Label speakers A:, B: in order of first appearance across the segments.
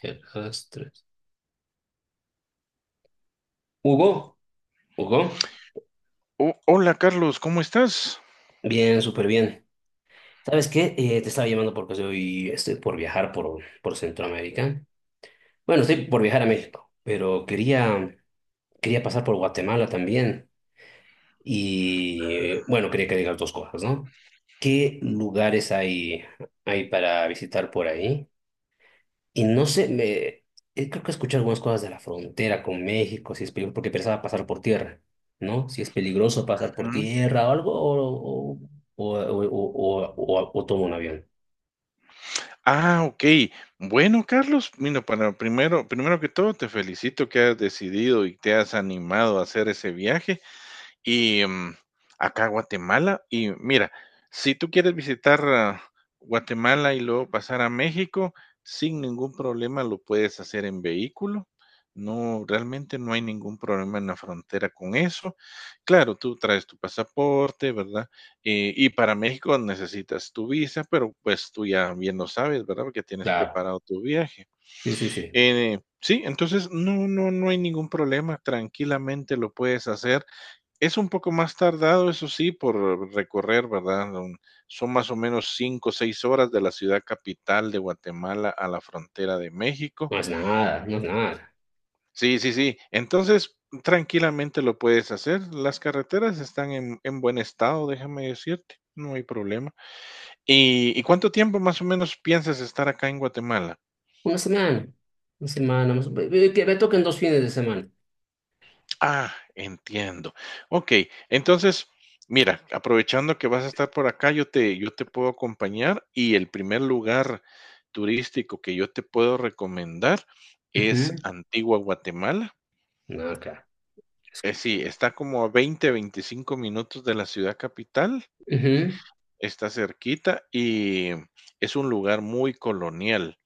A: El Astres. Hugo, Hugo,
B: Oh, hola Carlos, ¿cómo estás?
A: bien, súper bien. ¿Sabes qué? Te estaba llamando porque estoy por viajar por Centroamérica. Bueno, estoy por viajar a México, pero quería pasar por Guatemala también. Y bueno, quería que digas dos cosas, ¿no? ¿Qué lugares hay para visitar por ahí? Y no sé, creo que escuché algunas cosas de la frontera con México, si es peligroso, porque pensaba pasar por tierra, ¿no? Si es peligroso pasar por
B: Ujú.
A: tierra o algo, o tomo un avión.
B: Ah, okey. Bueno, Carlos, mira, para primero que todo, te felicito que has decidido y te has animado a hacer ese viaje. Y, mm, Acá Guatemala, y mira, si tú quieres visitar, Guatemala y luego pasar a México, sin ningún problema lo puedes hacer en vehículo. No, realmente no hay ningún problema en la frontera con eso. Claro, tú traes tu pasaporte, ¿verdad? Y para México necesitas tu visa, pero, pues, tú ya bien lo sabes, ¿verdad? Porque tienes
A: Claro,
B: preparado tu viaje.
A: sí, sí, sí.
B: Sí, entonces no hay ningún problema, tranquilamente lo puedes hacer, es un poco más tardado, eso sí, por recorrer, ¿verdad? Son más o menos 5, o 6 horas de la ciudad capital de Guatemala a la frontera de México.
A: No es nada, no es nada.
B: Sí, sí, sí. Entonces, tranquilamente lo puedes hacer. Las carreteras están en buen estado, déjame decirte. No hay problema. ¿Y cuánto tiempo más o menos piensas estar acá en Guatemala?
A: Una semana, una semana, más- que me toquen dos fines de semana.
B: Ah, entiendo. Ok, entonces, mira, aprovechando que vas a estar por acá, yo te puedo acompañar y el primer lugar turístico que yo te puedo recomendar es
A: Ujú.
B: Antigua Guatemala.
A: No, claro.
B: Sí, está como a 20, 25 minutos de la ciudad capital,
A: Ujú.
B: está cerquita y es un lugar muy colonial,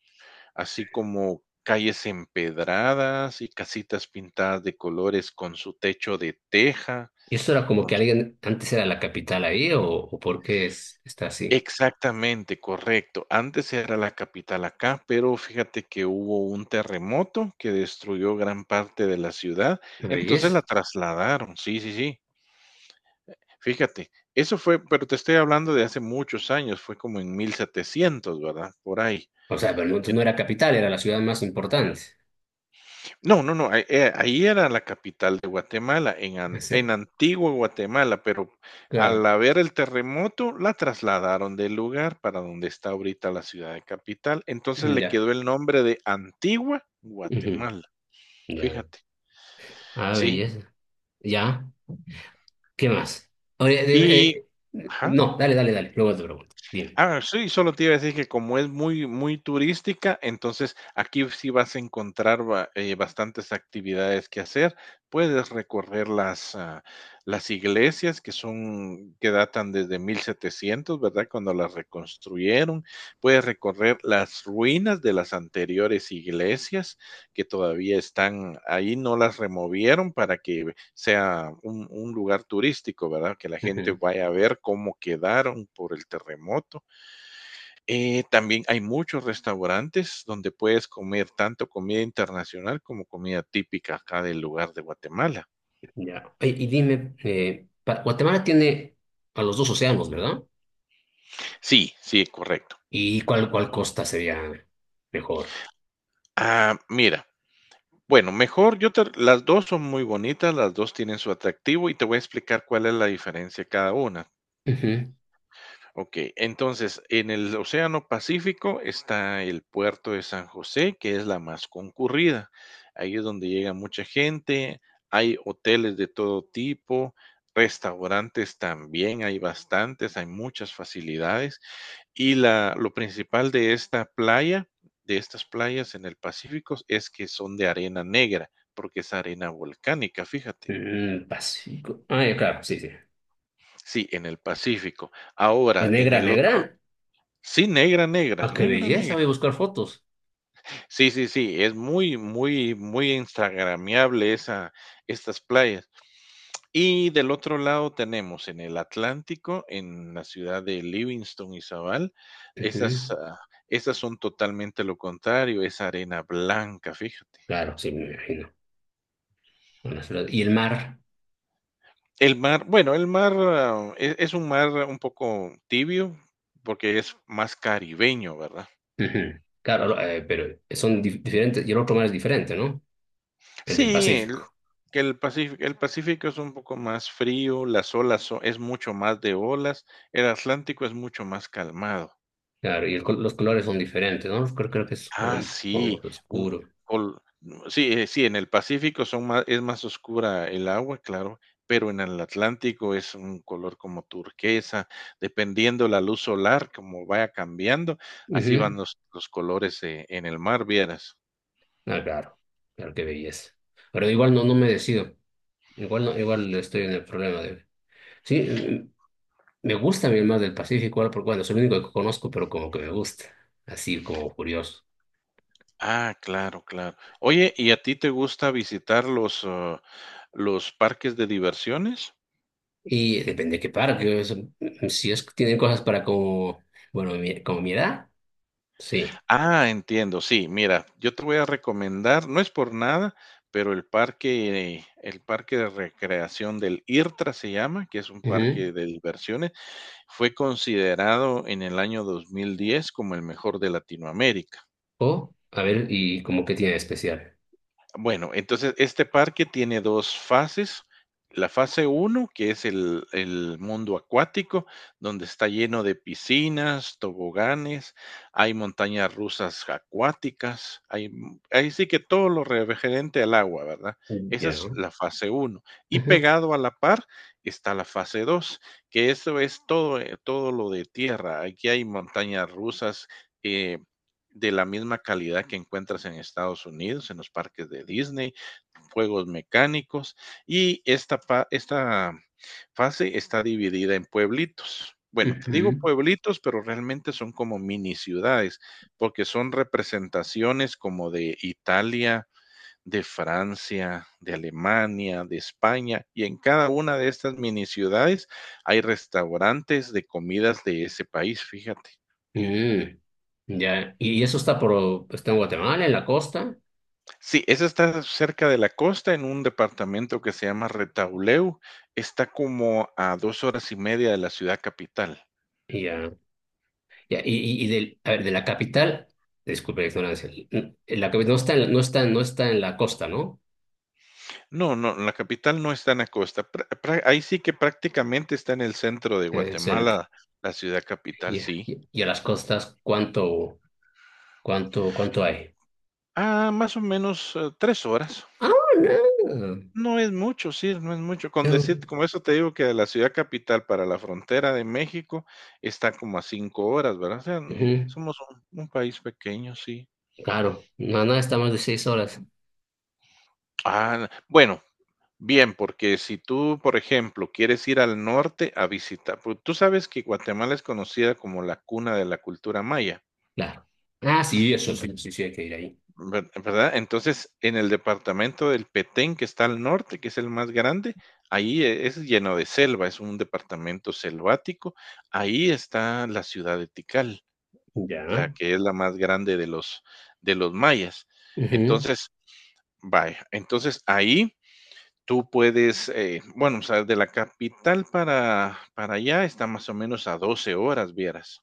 B: así como calles empedradas y casitas pintadas de colores con su techo de teja.
A: ¿Y esto era como que alguien antes era la capital ahí o por qué está así?
B: Exactamente, correcto. Antes era la capital acá, pero fíjate que hubo un terremoto que destruyó gran parte de la ciudad,
A: ¿No
B: entonces la
A: veis?
B: trasladaron. Sí, sí, sí. Fíjate, eso fue, pero te estoy hablando de hace muchos años, fue como en 1700, ¿verdad? Por ahí.
A: O sea, pero entonces no era capital, era la ciudad más importante.
B: No, no, no, ahí ahí era la capital de Guatemala, en an
A: Ese,
B: en Antigua Guatemala, pero
A: claro,
B: al haber el terremoto, la trasladaron del lugar para donde está ahorita la ciudad de capital, entonces le
A: ya.
B: quedó el nombre de Antigua
A: Ujú.
B: Guatemala,
A: Ya.
B: fíjate.
A: Ah,
B: Sí,
A: belleza. Ya. ¿Qué más? Oye, dime,
B: y ajá.
A: no, dale, dale, dale. Luego te pregunto. Dime.
B: Sí, solo te iba a decir que como es muy, muy turística, entonces aquí sí vas a encontrar bastantes actividades que hacer. Puedes recorrer las iglesias que son, que datan desde 1700, ¿verdad? Cuando las reconstruyeron. Puedes recorrer las ruinas de las anteriores iglesias que todavía están ahí, no las removieron para que sea un lugar turístico, ¿verdad? Que la gente
A: Ujú.
B: vaya a ver cómo quedaron por el terremoto. También hay muchos restaurantes donde puedes comer tanto comida internacional como comida típica acá del lugar de Guatemala.
A: Ya. Oye, y, dime, Guatemala tiene a los dos océanos, ¿verdad?
B: Sí, sí, correcto.
A: ¿Y cuál costa sería mejor?
B: Mira, bueno, las dos son muy bonitas, las dos tienen su atractivo y te voy a explicar cuál es la diferencia de cada una.
A: Ujú.
B: Ok, entonces en el Océano Pacífico está el puerto de San José, que es la más concurrida. Ahí es donde llega mucha gente, hay hoteles de todo tipo, restaurantes también, hay bastantes, hay muchas facilidades. Lo principal de esta playa, de estas playas en el Pacífico, es que son de arena negra, porque es arena volcánica, fíjate.
A: Mm, Pacífico. Ah, ya, claro, sí, sí.
B: Sí, en el Pacífico.
A: Pues
B: Ahora,
A: negra, negra.
B: sí, negra, negra,
A: Ah, qué
B: negra,
A: belleza,
B: negra.
A: voy a buscar fotos.
B: Sí, sí, sí, es muy, muy, muy instagramiable esa estas playas. Y del otro lado tenemos en el Atlántico, en la ciudad de Livingston, Izabal, esas,
A: Ujú.
B: ah, esas son totalmente lo contrario, es arena blanca, fíjate.
A: Claro, sí, me imagino. Con las flores. ¿Y el mar?
B: El mar, bueno, el mar es un mar un poco tibio, porque es más caribeño, ¿verdad?
A: Ujú. Claro, no, pero son diferentes y el otro mar es diferente, ¿no? El del
B: Sí, el-
A: Pacífico.
B: que el Pacífico es un poco más frío, es mucho más de olas, el Atlántico es mucho más calmado.
A: Claro, y los colores son diferentes, ¿no? Creo que es
B: Ah,
A: como, como
B: sí, un-
A: oscuro.
B: col- no, sí, Sí, en el Pacífico son más, es más oscura el agua, claro, pero en el Atlántico es un color como turquesa, dependiendo la luz solar, como vaya cambiando, así
A: Ujú.
B: van los colores en el mar, vieras.
A: Ah, claro, claro, qué belleza. Pero igual no, no me decido. Igual no, igual estoy en el problema de... Sí, mm, me gusta a mí el mar del Pacífico, ahora porque bueno, es el único que conozco, pero como que me gusta, así como curioso.
B: Ah, claro, claro. Oye, ¿y a ti te gusta visitar los parques de diversiones?
A: Y depende de qué parque, eso, mm, si es que tienen cosas para como, bueno, como mi edad, sí.
B: Ah, entiendo, sí, mira, yo te voy a recomendar, no es por nada, pero el parque de recreación del IRTRA se llama, que es un parque de diversiones, fue considerado en el año 2010 como el mejor de Latinoamérica.
A: O, a ver, ¿y como qué tiene de especial?
B: Bueno, entonces este parque tiene dos fases. La fase uno que es el mundo acuático, donde está lleno de piscinas, toboganes, hay montañas rusas acuáticas, ahí sí que todo lo referente al agua, ¿verdad? Esa
A: Ya.
B: es la fase uno. Y
A: Ujú,
B: pegado a la par está la fase 2, que eso es todo, todo lo de tierra. Aquí hay montañas rusas, eh, de la misma calidad que encuentras en Estados Unidos, en los parques de Disney, juegos mecánicos, y esta fase está dividida en pueblitos. Bueno, te digo
A: ujú.
B: pueblitos, pero realmente son como mini ciudades, porque son representaciones como de Italia, de Francia, de Alemania, de España, y en cada una de estas mini ciudades hay restaurantes de comidas de ese país, fíjate.
A: Mm, ya. ¿Y eso está por, pues, está en Guatemala, en la costa?
B: Sí, esa está cerca de la costa, en un departamento que se llama Retauleu. Está como a 2 horas y media de la ciudad capital.
A: Ya. Ya. Y, y del, a ver, de la capital, disculpe la ignorancia, la capital no
B: Ujú.
A: está no está, no está en la costa, ¿no?
B: No, no, la capital no está en la costa. Ahí sí que prácticamente está en el centro de
A: En el centro.
B: Guatemala, la ciudad capital,
A: Ya.
B: sí.
A: Y a las costas, ¿cuánto, cuánto hay?
B: Ah, más o menos 3 horas.
A: Ah, no.
B: No es mucho, sí, no es mucho. Con
A: Ah,
B: decirte, como eso te digo que de la ciudad capital para la frontera de México está como a 5 horas, ¿verdad? O sea,
A: ujú.
B: somos un país pequeño, sí.
A: Claro, no, no, está más de seis horas.
B: Ah, bueno, bien, porque si tú, por ejemplo, quieres ir al norte a visitar, pues, tú sabes que Guatemala es conocida como la cuna de la cultura maya,
A: Claro. Ah, sí, eso
B: en
A: sí, sí, sí, hay que ir ahí.
B: ver ¿verdad? Entonces, en el departamento del Petén, que está al norte, que es el más grande, ahí es lleno de selva, es un departamento selvático. Ahí está la ciudad de Tikal, la
A: Ya.
B: que es la más grande de los mayas.
A: Ujú,
B: Entonces, vaya, entonces ahí tú puedes, bueno, o sea, de la capital para allá está más o menos a 12 horas, vieras.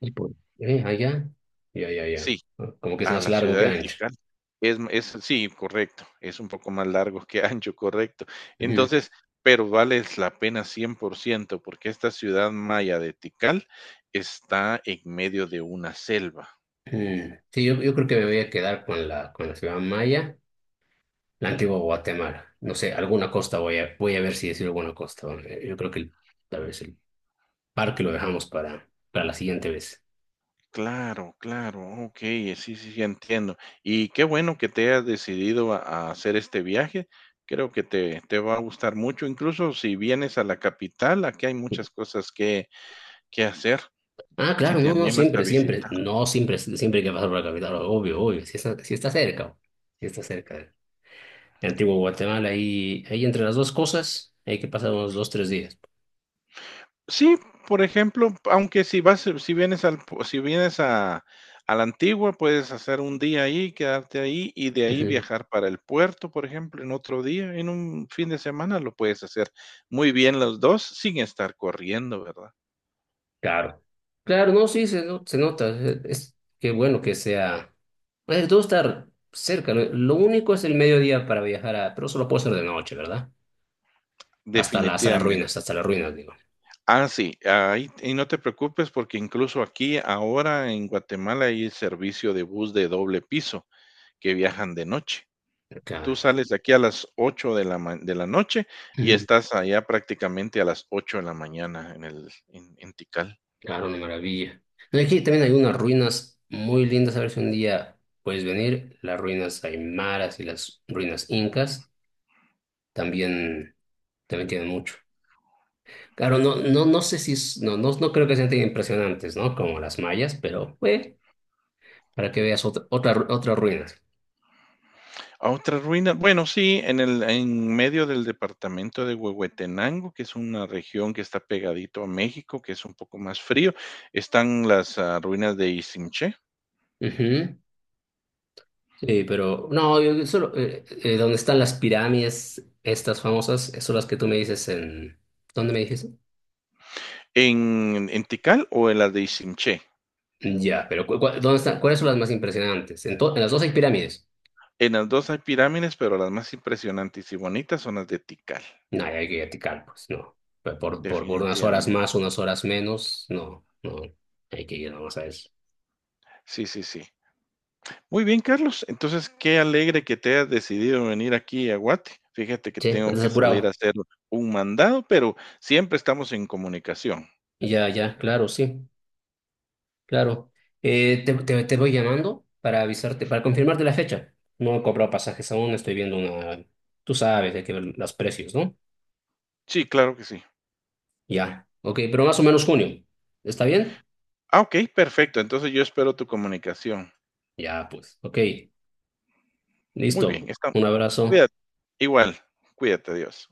A: y por allá. Ya, ya, ya.
B: Sí,
A: Ah, como que es
B: a
A: más
B: la
A: largo
B: ciudad
A: que
B: de
A: ancho.
B: Tikal. Sí, correcto, es un poco más largo que ancho, correcto.
A: Ujú,
B: Entonces, pero vale la pena 100% porque esta ciudad maya de Tikal está en medio de una selva.
A: ujú. Sí, yo creo que me voy a quedar con con la ciudad maya, la antigua Guatemala. No sé, alguna costa voy voy a ver si decir alguna costa. Bueno, yo creo que tal vez el parque lo dejamos para la siguiente vez.
B: Claro, claro, okey, sí, sí, sí, entiendo. Y qué bueno que te hayas decidido a hacer este viaje. Creo que te va a gustar mucho, incluso si vienes a la capital, aquí hay muchas cosas que hacer,
A: Ah,
B: si
A: claro,
B: te
A: no, no,
B: animas a
A: siempre, siempre.
B: visitar.
A: No, siempre, siempre hay que pasar por la capital, obvio, obvio. Si está, si está cerca, si está cerca. En Antigua Guatemala, ahí, ahí entre las dos cosas hay que pasar unos dos, tres días.
B: Sí, por ejemplo, aunque si vienes al, pu- si vienes a la antigua, puedes hacer un día ahí, quedarte ahí y de ahí viajar para el puerto, por ejemplo, en otro día, en un fin de semana lo puedes hacer muy bien los dos sin estar corriendo, ¿verdad?
A: Claro, claro, no, sí, se, no- se nota. Es- qué bueno que sea. Eh, todo estar cerca. Lo único es el mediodía para viajar a. Pero solo puedo hacer de noche, ¿verdad?
B: Definitivamente.
A: Hasta las ruinas, digo.
B: Ah, sí, ahí, y no te preocupes porque incluso aquí ahora en Guatemala hay servicio de bus de doble piso que viajan de noche. Tú
A: Claro.
B: sales de aquí a las 8 de la ma de la noche y
A: Ujú,
B: estás allá prácticamente a las 8 de la mañana en el en Tikal.
A: claro, una maravilla. No, aquí también hay unas ruinas muy lindas. A ver si un día puedes venir. Las ruinas aymaras y las ruinas incas también, también tienen mucho. Claro, no, no, no sé si. No, no, no creo que sean tan impresionantes, ¿no? Como las mayas, pero bueno, para que veas otra ruina.
B: A otra ruina, bueno, sí, en el en medio del departamento de Huehuetenango, que es una región que está pegadito a México, que es un poco más frío, están ruinas de Isimché.
A: Ujú. Sí, pero no, yo solo, donde están las pirámides, estas famosas, son las que tú me dices en... ¿Dónde me dijiste?
B: En Tikal o en las de Isimché.
A: Ya, pero ¿dónde están? ¿Cuáles son las más impresionantes? ¿En, en las dos hay pirámides?
B: En las 2 hay pirámides, pero las más impresionantes y bonitas son las de Tikal,
A: No, hay que eticar, pues no. Por, por unas horas
B: definitivamente.
A: más, unas horas menos, no, no. Hay que ir nomás a eso.
B: Sí, sí, sí. Muy bien, Carlos. Entonces, qué alegre que te hayas decidido venir aquí a Guate. Fíjate que
A: Che,
B: tengo
A: andas
B: que salir
A: apurado.
B: a hacer un mandado, pero siempre estamos en comunicación.
A: Ya, ya, claro, sí. Claro. Te voy llamando para avisarte, para confirmarte la fecha. No he cobrado pasajes aún, estoy viendo una... Tú sabes, hay que ver los precios, ¿no?
B: Sí, claro que sí.
A: Ya. Ok, pero más o menos junio. ¿Está bien?
B: Ah, ok, perfecto. Entonces yo espero tu comunicación.
A: Ya, pues. Ok.
B: Muy
A: Listo.
B: bien, está.
A: Un abrazo.
B: Cuídate. Igual, cuídate, adiós.